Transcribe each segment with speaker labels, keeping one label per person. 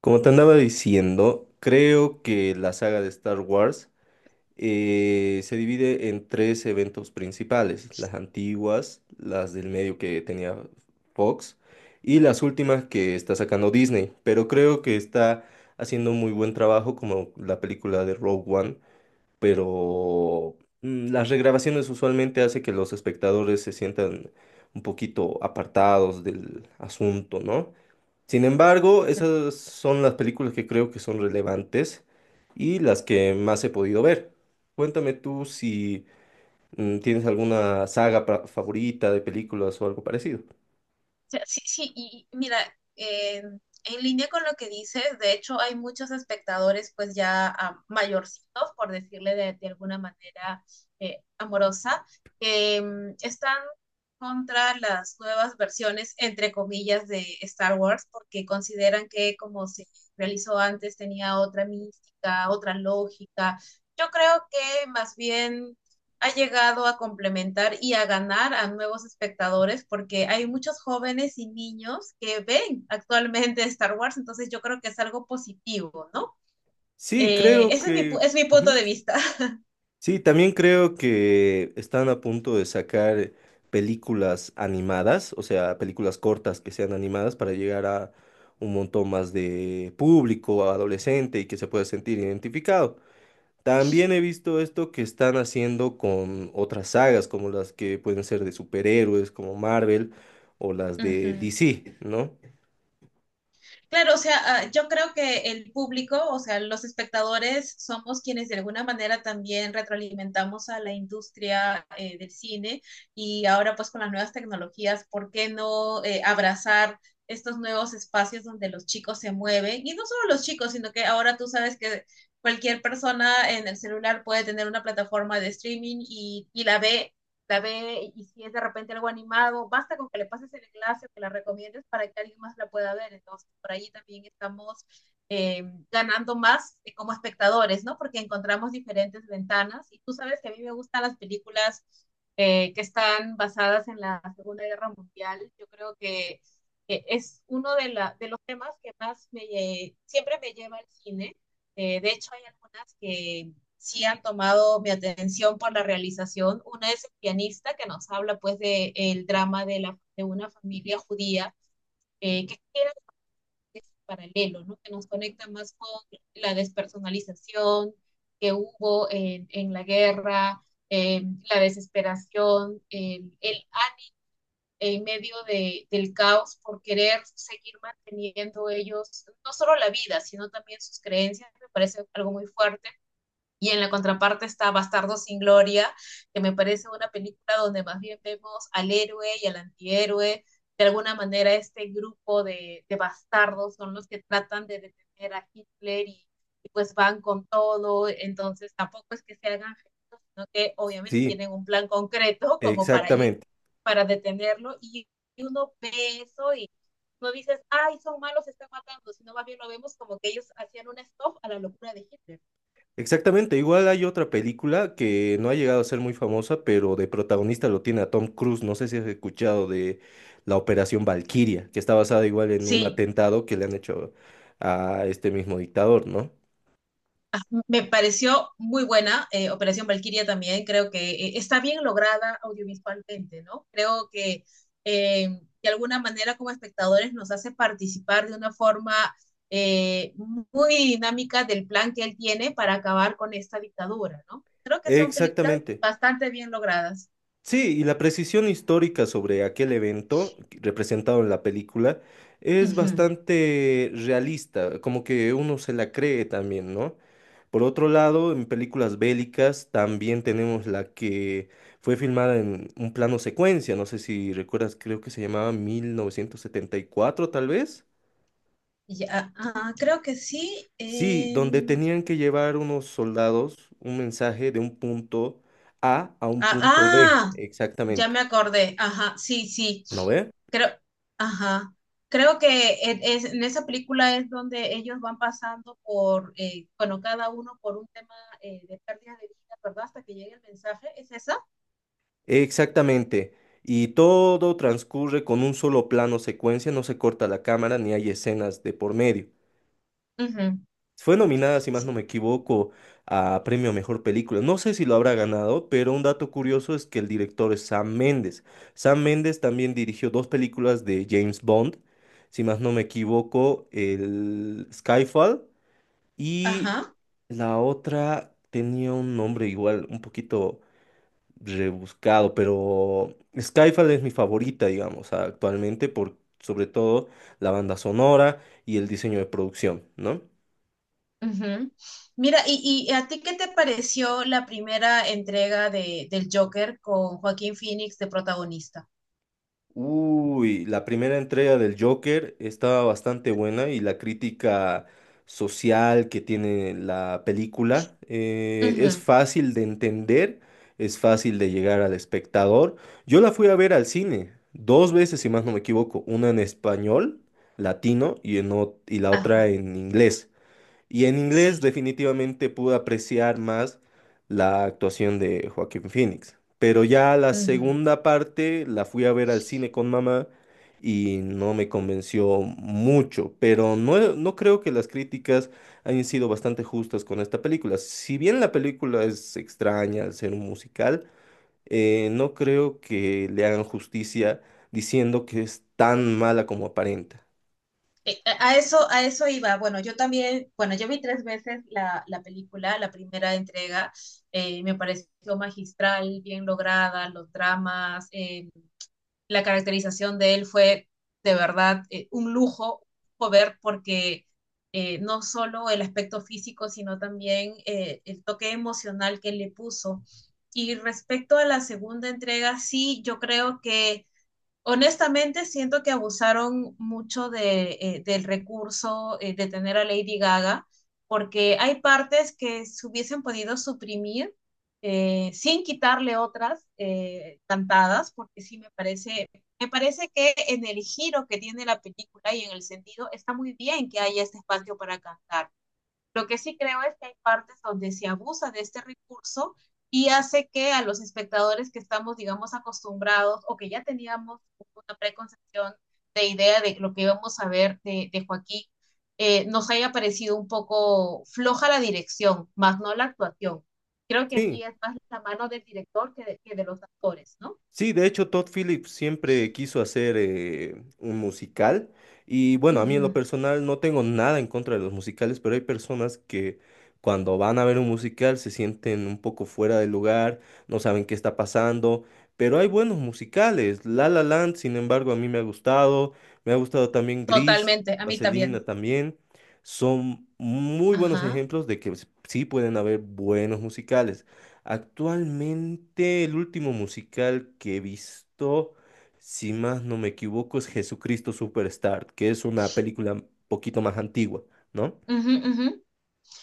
Speaker 1: Como te andaba diciendo, creo que la saga de Star Wars se divide en tres eventos principales: las antiguas, las del medio que tenía Fox y las últimas que está sacando Disney, pero creo que está haciendo un muy buen trabajo como la película de Rogue One. pero las regrabaciones usualmente hace que los espectadores se sientan un poquito apartados del asunto, ¿no? Sin embargo, esas son las películas que creo que son relevantes y las que más he podido ver. Cuéntame tú si tienes alguna saga favorita de películas o algo parecido.
Speaker 2: Sí, sí, y mira, eh, en línea con lo que dices, de hecho hay muchos espectadores pues ya mayorcitos, por decirle de alguna manera amorosa, que están contra las nuevas versiones, entre comillas, de Star Wars, porque consideran que como se realizó antes tenía otra mística, otra lógica. Yo creo que más bien ha llegado a complementar y a ganar a nuevos espectadores porque hay muchos jóvenes y niños que ven actualmente Star Wars, entonces yo creo que es algo positivo, ¿no?
Speaker 1: Sí, creo
Speaker 2: Ese
Speaker 1: que...
Speaker 2: es mi punto
Speaker 1: Ujú.
Speaker 2: de vista.
Speaker 1: Sí, también creo que están a punto de sacar películas animadas, o sea, películas cortas que sean animadas para llegar a un montón más de público, adolescente y que se pueda sentir identificado. También he visto esto que están haciendo con otras sagas, como las que pueden ser de superhéroes, como Marvel, o las
Speaker 2: Uh
Speaker 1: de
Speaker 2: -huh.
Speaker 1: DC, ¿no?
Speaker 2: Claro, o sea, yo creo que el público, o sea, los espectadores somos quienes de alguna manera también retroalimentamos a la industria del cine y ahora pues con las nuevas tecnologías, ¿por qué no abrazar estos nuevos espacios donde los chicos se mueven? Y no solo los chicos, sino que ahora tú sabes que cualquier persona en el celular puede tener una plataforma de streaming y la ve la ve, y si es de repente algo animado, basta con que le pases el enlace o que la recomiendes para que alguien más la pueda ver. Entonces, por ahí también estamos eh, ganando más como espectadores, ¿no? Porque encontramos diferentes ventanas y tú sabes que a mí me gustan las películas que están basadas en la Segunda Guerra Mundial. Yo creo que es uno de los temas que más siempre me lleva al cine. De hecho, hay algunas que sí han tomado mi atención por la realización. Una es el pianista que nos habla pues de el drama de una familia judía que era paralelo, ¿no? Que nos conecta más con la despersonalización que hubo en la guerra, eh, la desesperación, el en medio del caos por querer seguir manteniendo ellos no solo la vida, sino también sus creencias, me parece algo muy fuerte. Y en la contraparte está Bastardo sin Gloria, que me parece una película donde más bien vemos al héroe y al antihéroe. De alguna manera, este grupo de bastardos son los que tratan de detener a Hitler y, pues van con todo. Entonces, tampoco es que se hagan gestos, sino que obviamente
Speaker 1: Sí,
Speaker 2: tienen un plan concreto como para ir,
Speaker 1: exactamente.
Speaker 2: para detenerlo. Y uno ve eso y no dices, ay, son malos, se están matando, sino más bien lo vemos como que ellos hacían un stop a la locura de Hitler.
Speaker 1: Exactamente. Igual hay otra película que no ha llegado a ser muy famosa, pero de protagonista lo tiene a Tom Cruise. No sé si has escuchado de la Operación Valquiria, que está basada igual en un
Speaker 2: Sí,
Speaker 1: atentado que le han hecho a este mismo dictador, ¿no?
Speaker 2: me pareció muy buena Operación Valkyria también, creo que está bien lograda audiovisualmente, ¿no? Creo que eh, de alguna manera como espectadores nos hace participar de una forma eh, muy dinámica del plan que él tiene para acabar con esta dictadura, ¿no? Creo que son películas
Speaker 1: Exactamente.
Speaker 2: bastante bien logradas.
Speaker 1: Sí, y la precisión histórica sobre aquel evento representado en la película
Speaker 2: Uh
Speaker 1: es
Speaker 2: -huh.
Speaker 1: bastante realista, como que uno se la cree también, ¿no? Por otro lado, en películas bélicas también tenemos la que fue filmada en un plano secuencia, no sé si recuerdas, creo que se llamaba 1974 tal vez.
Speaker 2: Ya, creo que sí.
Speaker 1: Sí, donde tenían que llevar unos soldados un mensaje de un punto A a un
Speaker 2: Ah,
Speaker 1: punto B,
Speaker 2: ah, ya me
Speaker 1: exactamente.
Speaker 2: acordé. Ajá, sí, sí.
Speaker 1: ¿No ve?
Speaker 2: Creo, ajá. Creo que en esa película es donde ellos van pasando por, bueno, cada uno por un tema de pérdida de vida, ¿verdad? Hasta que llegue el mensaje, ¿es esa?
Speaker 1: Exactamente. Y todo transcurre con un solo plano secuencia, no se corta la cámara ni hay escenas de por medio.
Speaker 2: Ujú.
Speaker 1: Fue nominada, si más
Speaker 2: Sí,
Speaker 1: no me equivoco, a Premio a Mejor Película. No sé si lo habrá ganado, pero un dato curioso es que el director es Sam Mendes. Sam Mendes también dirigió dos películas de James Bond, si más no me equivoco, el Skyfall y
Speaker 2: ajá.
Speaker 1: la otra tenía un nombre igual, un poquito rebuscado, pero Skyfall es mi favorita, digamos, actualmente por sobre todo la banda sonora y el diseño de producción, ¿no?
Speaker 2: Ujú. Mira, ¿y a ti qué te pareció la primera entrega del Joker con Joaquín Phoenix de protagonista?
Speaker 1: Uy, la primera entrega del Joker estaba bastante buena y la crítica social que tiene la película es
Speaker 2: Ujú.
Speaker 1: fácil de entender, es fácil de llegar al espectador. Yo la fui a ver al cine dos veces, si más no me equivoco, una en español latino y, y la otra
Speaker 2: Ajá,
Speaker 1: en inglés. Y en inglés
Speaker 2: sí.
Speaker 1: definitivamente pude apreciar más la actuación de Joaquín Phoenix. Pero ya la segunda parte la fui a ver al cine con mamá y no me convenció mucho. Pero no, no creo que las críticas hayan sido bastante justas con esta película. Si bien la película es extraña al ser un musical, no creo que le hagan justicia diciendo que es tan mala como aparenta.
Speaker 2: A eso, a eso iba. Bueno, yo también, bueno, yo vi tres veces la película, la primera entrega, me pareció magistral, bien lograda, los dramas, la caracterización de él fue de verdad un lujo ver porque no solo el aspecto físico, sino también el toque emocional que le puso. Y respecto a la segunda entrega, sí, yo creo que honestamente, siento que abusaron mucho del recurso de tener a Lady Gaga, porque hay partes que se hubiesen podido suprimir sin quitarle otras cantadas, porque sí me parece que en el giro que tiene la película y en el sentido está muy bien que haya este espacio para cantar. Lo que sí creo es que hay partes donde se abusa de este recurso y hace que a los espectadores que estamos, digamos, acostumbrados o que ya teníamos una preconcepción de idea de lo que íbamos a ver de Joaquín, nos haya parecido un poco floja la dirección, más no la actuación. Creo que
Speaker 1: Sí,
Speaker 2: aquí es más la mano del director que de los actores, ¿no?
Speaker 1: Sí, de hecho Todd Phillips siempre quiso hacer un musical y bueno, a mí en
Speaker 2: Ujú.
Speaker 1: lo personal no tengo nada en contra de los musicales, pero hay personas que cuando van a ver un musical se sienten un poco fuera del lugar, no saben qué está pasando, pero hay buenos musicales. La La Land, sin embargo, a mí me ha gustado también Gris,
Speaker 2: Totalmente, a mí también.
Speaker 1: Vaselina también. Son muy buenos
Speaker 2: Ajá.
Speaker 1: ejemplos de que sí pueden haber buenos musicales. Actualmente el último musical que he visto, si más no me equivoco, es Jesucristo Superstar, que es una película un poquito más antigua, ¿no?
Speaker 2: Ujú, ujú.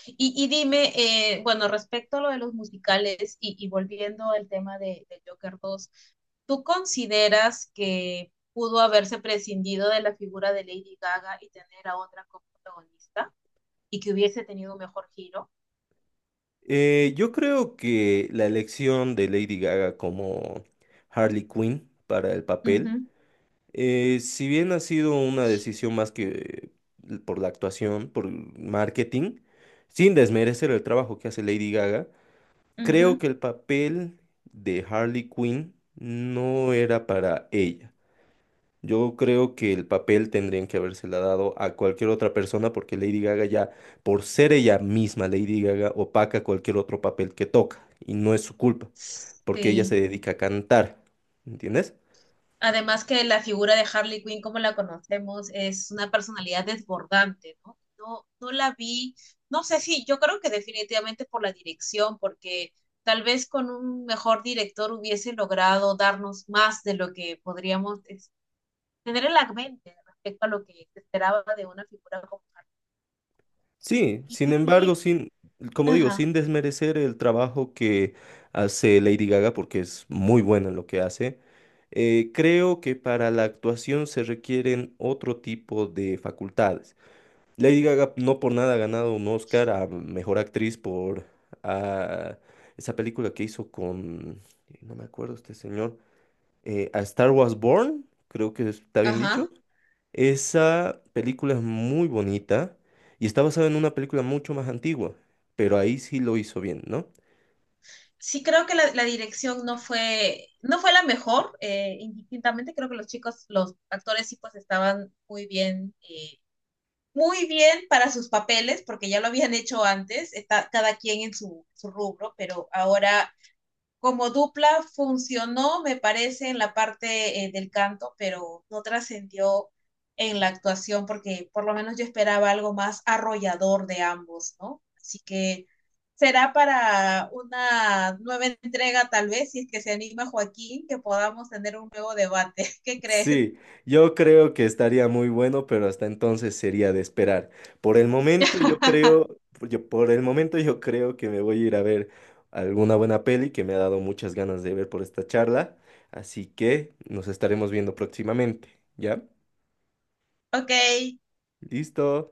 Speaker 2: Y dime, bueno, respecto a lo de los musicales y volviendo al tema de Joker 2, ¿tú consideras que pudo haberse prescindido de la figura de Lady Gaga y tener a otra como protagonista y que hubiese tenido un mejor giro?
Speaker 1: Yo creo que la elección de Lady Gaga como Harley Quinn para el
Speaker 2: Ujú,
Speaker 1: papel, si bien ha sido una decisión más que por la actuación, por el marketing, sin desmerecer el trabajo que hace Lady Gaga, creo
Speaker 2: ujú.
Speaker 1: que el papel de Harley Quinn no era para ella. Yo creo que el papel tendrían que habérsela dado a cualquier otra persona porque Lady Gaga ya, por ser ella misma, Lady Gaga opaca cualquier otro papel que toca y no es su culpa porque ella
Speaker 2: Sí.
Speaker 1: se dedica a cantar, ¿entiendes?
Speaker 2: Además que la figura de Harley Quinn, como la conocemos, es una personalidad desbordante, ¿no? No, no la vi, no sé si, yo creo que definitivamente por la dirección, porque tal vez con un mejor director hubiese logrado darnos más de lo que tener en la mente respecto a lo que se esperaba de una figura como Harley
Speaker 1: Sí, sin
Speaker 2: Quinn.
Speaker 1: embargo, sin, como digo,
Speaker 2: Ajá,
Speaker 1: sin desmerecer el trabajo que hace Lady Gaga, porque es muy buena en lo que hace, creo que para la actuación se requieren otro tipo de facultades. Lady Gaga no por nada ha ganado un Oscar a Mejor Actriz por ah, esa película que hizo con, no me acuerdo este señor, a Star Wars Born, creo que está bien dicho.
Speaker 2: ajá.
Speaker 1: Esa película es muy bonita y está basada en una película mucho más antigua, pero ahí sí lo hizo bien, ¿no?
Speaker 2: Sí creo que la dirección no fue la mejor, indistintamente creo que los chicos, los actores sí pues estaban muy bien para sus papeles, porque ya lo habían hecho antes, está cada quien en su rubro, pero ahora como dupla funcionó, me parece, en la parte del canto, pero no trascendió en la actuación porque por lo menos yo esperaba algo más arrollador de ambos, ¿no? Así que será para una nueva entrega tal vez, si es que se anima Joaquín, que podamos tener un nuevo debate. ¿Qué crees?
Speaker 1: Sí, yo creo que estaría muy bueno, pero hasta entonces sería de esperar. Por el momento yo creo, por el momento yo creo que me voy a ir a ver alguna buena peli que me ha dado muchas ganas de ver por esta charla, así que nos estaremos viendo próximamente, ¿ya?
Speaker 2: Ok,
Speaker 1: Listo.